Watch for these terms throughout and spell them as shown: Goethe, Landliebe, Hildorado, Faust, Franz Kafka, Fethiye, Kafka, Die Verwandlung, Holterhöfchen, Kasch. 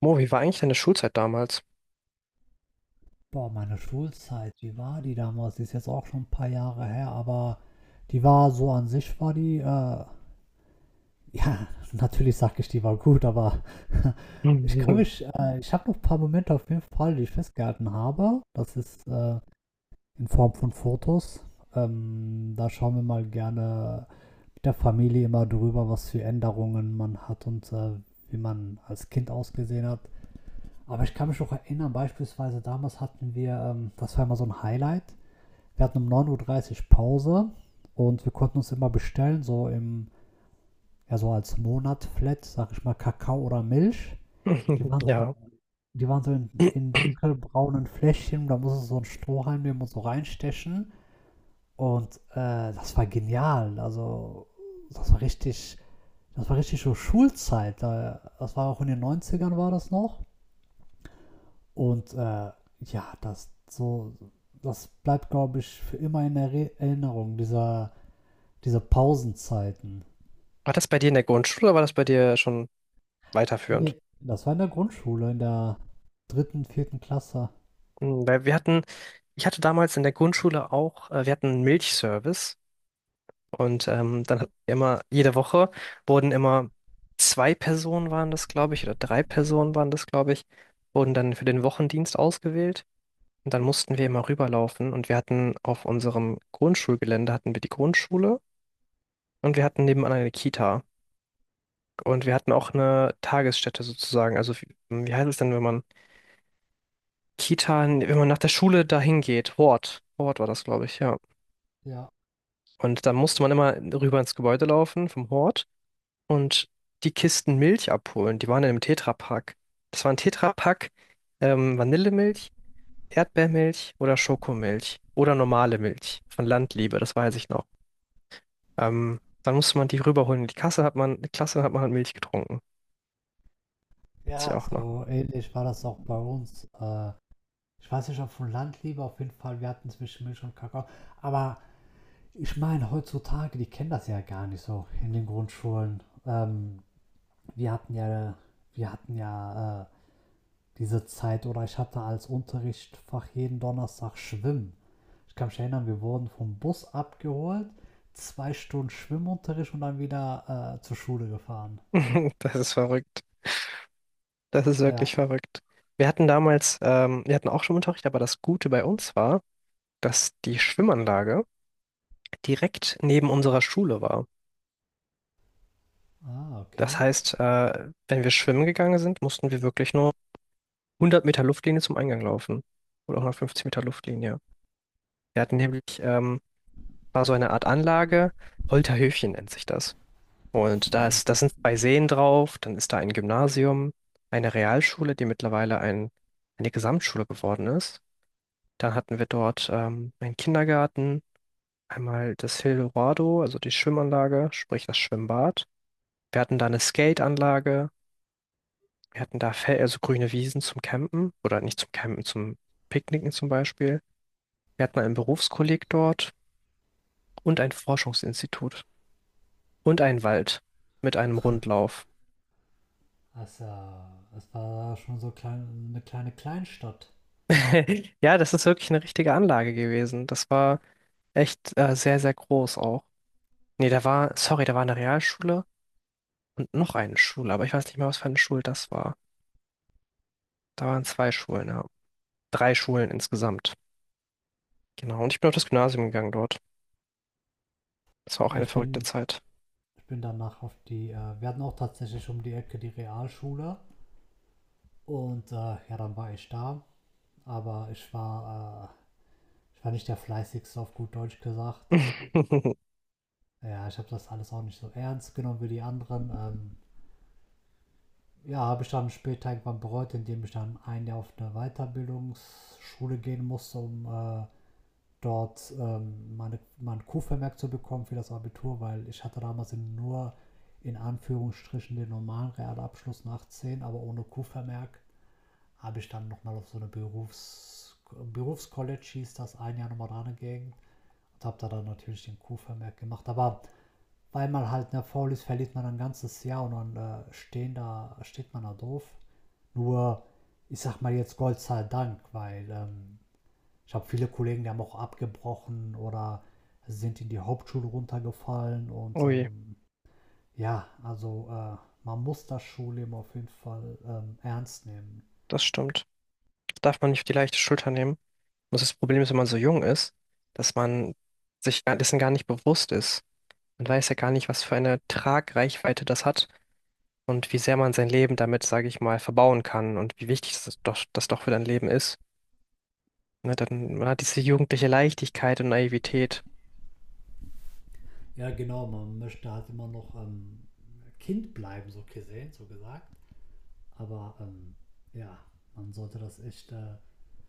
Mo, wie war eigentlich deine Schulzeit damals? Boah, meine Schulzeit, wie war die damals? Die ist jetzt auch schon ein paar Jahre her, aber die war so an sich war die, ja, natürlich sage ich, die war gut, aber ich kann Mhm. mich ich habe noch ein paar Momente auf jeden Fall, die ich festgehalten habe. Das ist, in Form von Fotos. Da schauen wir mal gerne mit der Familie immer drüber, was für Änderungen man hat und wie man als Kind ausgesehen hat. Aber ich kann mich noch erinnern, beispielsweise damals hatten wir, das war immer so ein Highlight. Wir hatten um 9:30 Uhr dreißig Pause und wir konnten uns immer bestellen, so im, ja, so als Monat-Flat, sag ich mal, Kakao oder Milch. Die waren so, Ja. die waren so in dunkelbraunen Fläschchen, da musst du so einen Strohhalm nehmen und so reinstechen. Und das war genial. Also, das war richtig, das war richtig so Schulzeit. Das war auch in den 90ern war das noch. Und ja, das so, das bleibt, glaube ich, für immer in Erinnerung, dieser diese Pausenzeiten. War das bei dir in der Grundschule oder war das bei dir schon weiterführend? Nee, das war in der Grundschule, in der dritten, vierten Klasse. Hm, weil wir hatten, ich hatte damals in der Grundschule auch, wir hatten einen Milchservice, und dann hatten wir immer, jede Woche wurden immer zwei Personen waren das, glaube ich, oder drei Personen waren das, glaube ich, wurden dann für den Wochendienst ausgewählt. Und dann mussten wir immer rüberlaufen, und wir hatten auf unserem Grundschulgelände hatten wir die Grundschule, und wir hatten nebenan eine Kita. Und wir hatten auch eine Tagesstätte sozusagen. Also wie, wie heißt es denn, wenn man Kita, wenn man nach der Schule dahin geht? Hort. Hort war das, glaube ich, ja. Ja. Und dann musste man immer rüber ins Gebäude laufen vom Hort und die Kisten Milch abholen. Die waren in einem Tetrapack. Das war ein Tetrapack, Vanillemilch, Erdbeermilch oder Schokomilch oder normale Milch von Landliebe, das weiß ich noch. Dann musste man die rüberholen. In die Kasse hat man, in die Klasse hat man halt Milch getrunken. Weiß ich Ja, auch noch. so ähnlich war das auch bei uns. Ich weiß nicht, ob von Land lieber, auf jeden Fall, wir hatten zwischen Milch und Kakao. Aber ich meine, heutzutage, die kennen das ja gar nicht so in den Grundschulen. Wir hatten ja, wir hatten ja diese Zeit oder ich hatte als Unterrichtsfach jeden Donnerstag Schwimmen. Ich kann mich erinnern, wir wurden vom Bus abgeholt, zwei Stunden Schwimmunterricht und dann wieder zur Schule gefahren. Das ist verrückt. Das ist wirklich Ja. verrückt. Wir hatten damals, wir hatten auch Schwimmunterricht, aber das Gute bei uns war, dass die Schwimmanlage direkt neben unserer Schule war. Ah, Das okay. heißt, wenn wir schwimmen gegangen sind, mussten wir wirklich nur 100 Meter Luftlinie zum Eingang laufen. Oder 150 Meter Luftlinie. Wir hatten nämlich, war so eine Art Anlage, Holterhöfchen nennt sich das. Und da ist, da sind zwei Seen drauf, dann ist da ein Gymnasium, eine Realschule, die mittlerweile ein, eine Gesamtschule geworden ist. Dann hatten wir dort einen Kindergarten, einmal das Hildorado, also die Schwimmanlage, sprich das Schwimmbad. Wir hatten da eine Skateanlage, wir hatten da Fel also grüne Wiesen zum Campen oder nicht zum Campen, zum Picknicken zum Beispiel. Wir hatten einen Berufskolleg dort und ein Forschungsinstitut und einen Wald mit einem Rundlauf. Also, es war schon so klein, eine kleine Kleinstadt. Ja, das ist wirklich eine richtige Anlage gewesen. Das war echt sehr, sehr groß auch. Nee, da war, sorry, da war eine Realschule und noch eine Schule, aber ich weiß nicht mehr, was für eine Schule das war. Da waren zwei Schulen, ja. Drei Schulen insgesamt. Genau. Und ich bin auf das Gymnasium gegangen dort. Das war auch Ja, eine ich verrückte bin, Zeit. ich bin danach auf die, wir hatten auch tatsächlich um die Ecke die Realschule und ja, dann war ich da, aber ich war nicht der fleißigste auf gut Deutsch gesagt. Ja, ich habe das alles auch nicht so ernst genommen wie die anderen. Ja, habe ich dann später irgendwann bereut, indem ich dann ein Jahr auf eine Weiterbildungsschule gehen musste, um dort mein Q-Vermerk zu bekommen für das Abitur, weil ich hatte damals nur in Anführungsstrichen den normalen Realabschluss nach 10, aber ohne Q-Vermerk habe ich dann nochmal auf so eine Berufscollege hieß das, ein Jahr nochmal dran gegangen und habe da dann natürlich den Q-Vermerk gemacht, aber weil man halt ne, faul ist, verliert man ein ganzes Jahr und dann steht man da doof nur, ich sag mal jetzt Gott sei Dank, weil ich habe viele Kollegen, die haben auch abgebrochen oder sind in die Hauptschule runtergefallen und Ui, ja, also man muss das Schulleben auf jeden Fall ernst nehmen. das stimmt. Darf man nicht auf die leichte Schulter nehmen. Und das Problem ist, wenn man so jung ist, dass man dessen gar nicht bewusst ist. Man weiß ja gar nicht, was für eine Tragreichweite das hat und wie sehr man sein Leben damit, sage ich mal, verbauen kann und wie wichtig das doch für dein Leben ist. Ne, dann, man hat diese jugendliche Leichtigkeit und Naivität. Ja, genau, man möchte halt immer noch Kind bleiben, so gesehen, so gesagt. Aber ja, man sollte das echt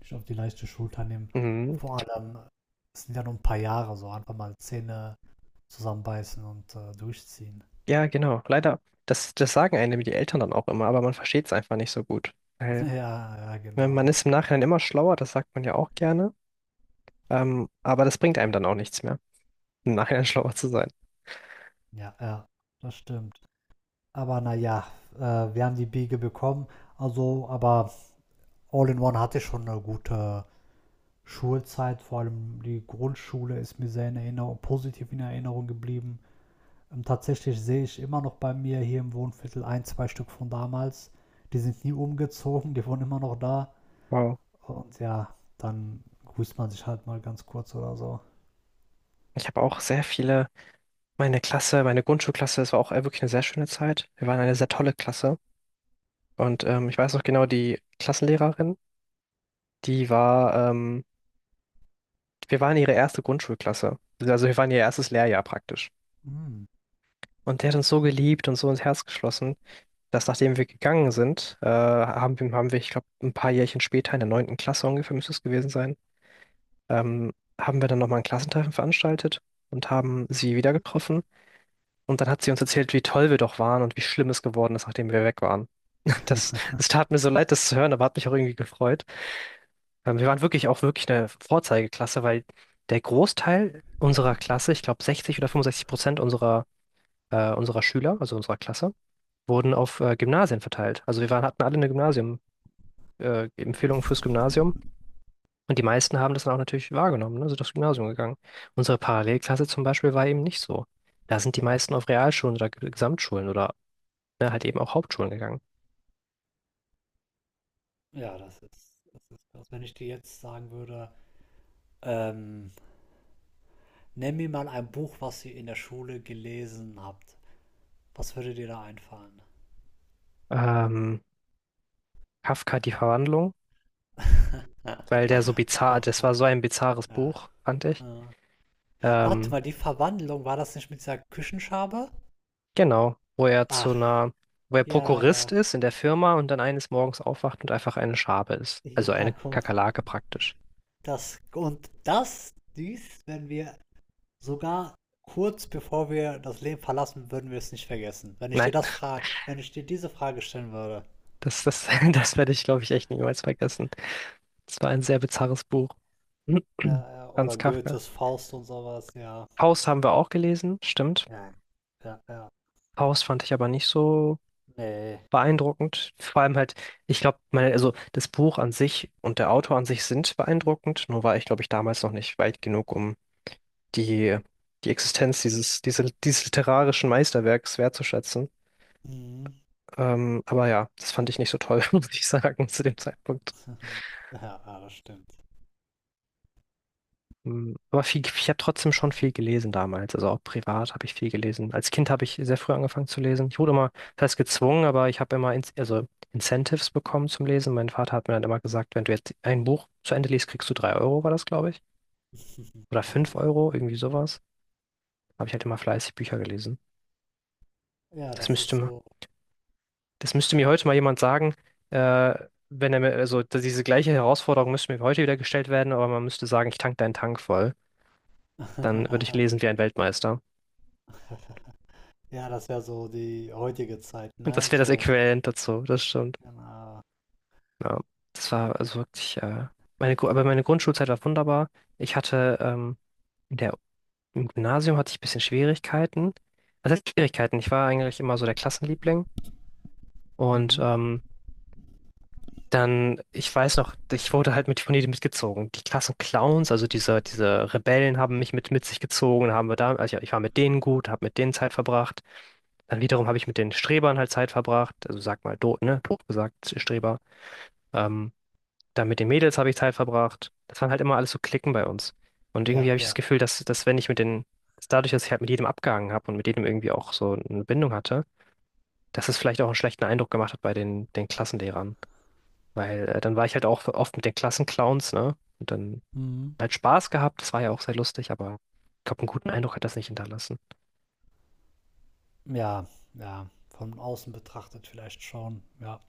nicht auf die leichte Schulter nehmen. Mhm. Vor allem, es sind ja nur ein paar Jahre, so einfach mal Zähne zusammenbeißen und durchziehen. Ja, genau. Leider, das sagen einem die Eltern dann auch immer, aber man versteht es einfach nicht so gut. Weil Ja, ja, wenn man genau. ist im Nachhinein immer schlauer, das sagt man ja auch gerne, aber das bringt einem dann auch nichts mehr, im Nachhinein schlauer zu sein. Ja, ja, das stimmt. Aber naja, äh, wir haben die Biege bekommen. Also, aber All-in-One hatte schon eine gute Schulzeit. Vor allem die Grundschule ist mir sehr in Erinnerung, positiv in Erinnerung geblieben. Tatsächlich sehe ich immer noch bei mir hier im Wohnviertel ein, zwei Stück von damals. Die sind nie umgezogen, die wohnen immer noch da. Wow. Und ja, dann grüßt man sich halt mal ganz kurz oder so. Ich habe auch sehr viele, meine Klasse, meine Grundschulklasse, das war auch wirklich eine sehr schöne Zeit. Wir waren eine sehr tolle Klasse. Und ich weiß noch genau, die Klassenlehrerin, die war, wir waren ihre erste Grundschulklasse. Also wir waren ihr erstes Lehrjahr praktisch. Mm. Und der hat uns so geliebt und so ins Herz geschlossen, dass nachdem wir gegangen sind, haben wir, ich glaube, ein paar Jährchen später, in der neunten Klasse ungefähr müsste es gewesen sein, ähm, haben wir dann nochmal ein Klassentreffen veranstaltet und haben sie wieder getroffen. Und dann hat sie uns erzählt, wie toll wir doch waren und wie schlimm es geworden ist, nachdem wir weg waren. Das, das tat mir so leid, das zu hören, aber hat mich auch irgendwie gefreut. Wir waren wirklich auch wirklich eine Vorzeigeklasse, weil der Großteil unserer Klasse, ich glaube 60 oder 65% unserer Schüler, also unserer Klasse, wurden auf Gymnasien verteilt. Also wir waren, hatten alle eine Gymnasium, Empfehlungen fürs Gymnasium. Und die meisten haben das dann auch natürlich wahrgenommen, ne? Sind aufs Gymnasium gegangen. Unsere Parallelklasse zum Beispiel war eben nicht so. Da sind die Hm. meisten auf Realschulen oder Gesamtschulen oder ne, halt eben auch Hauptschulen gegangen. Ja, das ist krass. Wenn ich dir jetzt sagen würde, ähm, nenn mir mal ein Buch, was ihr in der Schule gelesen habt. Was würde dir da einfallen? Ähm, Kafka, die Verwandlung, weil der so bizarr, das Kafka. war so ein bizarres Ja. Buch, fand ich. Äh. Warte Ähm, mal, die Verwandlung, war das nicht mit dieser Küchenschabe? genau, wo er zu Ach, einer, wo er ja, Prokurist ja. ist in der Firma und dann eines Morgens aufwacht und einfach eine Schabe ist. Also Ja, eine guck mal. Kakerlake praktisch. Das, und das, dies, wenn wir sogar kurz bevor wir das Leben verlassen, würden wir es nicht vergessen. Wenn ich dir Nein, das frage, wenn ich dir diese Frage stellen würde. das, das, das werde ich, glaube ich, echt niemals vergessen. Es war ein sehr bizarres Buch. Ja, ja, Franz oder Kafka. Goethes Faust und sowas, ja. Faust haben wir auch gelesen, stimmt. Ja. Ja, ja. Faust fand ich aber nicht so Nee. beeindruckend. Vor allem halt, ich glaube, meine, also das Buch an sich und der Autor an sich sind beeindruckend, nur war ich, glaube ich, damals noch nicht weit genug, um die, die Existenz dieses literarischen Meisterwerks wertzuschätzen. Mhm. Aber ja, das fand ich nicht so toll, muss ich sagen, zu dem Zeitpunkt. Ja, ja, das stimmt. Mm, aber viel, ich habe trotzdem schon viel gelesen damals. Also auch privat habe ich viel gelesen. Als Kind habe ich sehr früh angefangen zu lesen. Ich wurde immer, das heißt gezwungen, aber ich habe immer in, also Incentives bekommen zum Lesen. Mein Vater hat mir dann immer gesagt, wenn du jetzt ein Buch zu Ende liest, kriegst du drei Euro, war das, glaube ich. Oder fünf Geil. Euro, irgendwie sowas. Habe ich halt immer fleißig Bücher gelesen. Ja, Das das müsste, ist mir- so. Das müsste mir heute mal jemand sagen, äh, wenn er mir, also dass diese gleiche Herausforderung müsste mir heute wieder gestellt werden, aber man müsste sagen, ich tank deinen Tank voll. Dann würde ich lesen wie ein Weltmeister. Ja, das wäre so die heutige Zeit, Und das ne? wäre das So, Äquivalent dazu, das stimmt. genau. Ja, das war also wirklich, aber meine Grundschulzeit war wunderbar. Ich hatte in der, im Gymnasium hatte ich ein bisschen Schwierigkeiten. Was heißt Schwierigkeiten? Ich war eigentlich immer so der Klassenliebling. Und Mhm. Dann, ich weiß noch, ich wurde halt mit von jedem mitgezogen. Die Klassenclowns, also diese Rebellen, haben mich mit sich gezogen, haben wir da, also ich war mit denen gut, habe mit denen Zeit verbracht. Dann wiederum habe ich mit den Strebern halt Zeit verbracht. Also sag mal, doof, ne? Doof gesagt, Streber. Ähm, Dann mit den Mädels habe ich Zeit verbracht. Das waren halt immer alles so Klicken bei uns. Und irgendwie Ja, habe ich das ja. Gefühl, dass wenn ich mit den, dass dadurch, dass ich halt mit jedem abgehangen habe und mit jedem irgendwie auch so eine Bindung hatte, dass es vielleicht auch einen schlechten Eindruck gemacht hat bei den Klassenlehrern. Weil dann war ich halt auch oft mit den Klassenclowns, ne? Und dann Mhm. halt Spaß gehabt, das war ja auch sehr lustig, aber ich glaube, einen guten Eindruck hat das nicht hinterlassen. Ja, ja. Von außen betrachtet vielleicht schon. Ja,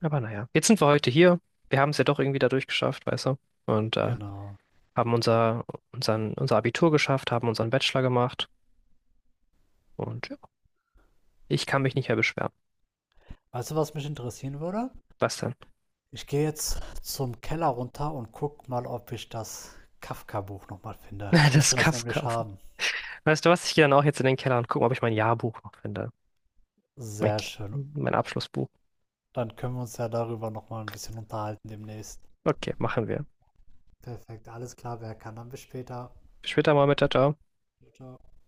Aber naja, jetzt sind wir heute hier. Wir haben es ja doch irgendwie dadurch geschafft, weißt du? Und genau. haben unser Abitur geschafft, haben unseren Bachelor gemacht. Und ja. Ich kann mich nicht mehr beschweren. Weißt du, was mich interessieren würde? Was denn? Ich gehe jetzt zum Keller runter und guck mal, ob ich das Kafka-Buch nochmal finde. Ich Das müsste das Kaff nämlich kaufen. haben. Weißt du was? Ich gehe dann auch jetzt in den Keller und gucke, ob ich mein Jahrbuch noch finde. Mein, Sehr schön. mein Abschlussbuch. Dann können wir uns ja darüber nochmal ein bisschen unterhalten demnächst. Okay, machen wir. Perfekt, alles klar, wer kann, dann bis später. Bis später mal mit, ciao. Ciao. Ciao, ciao.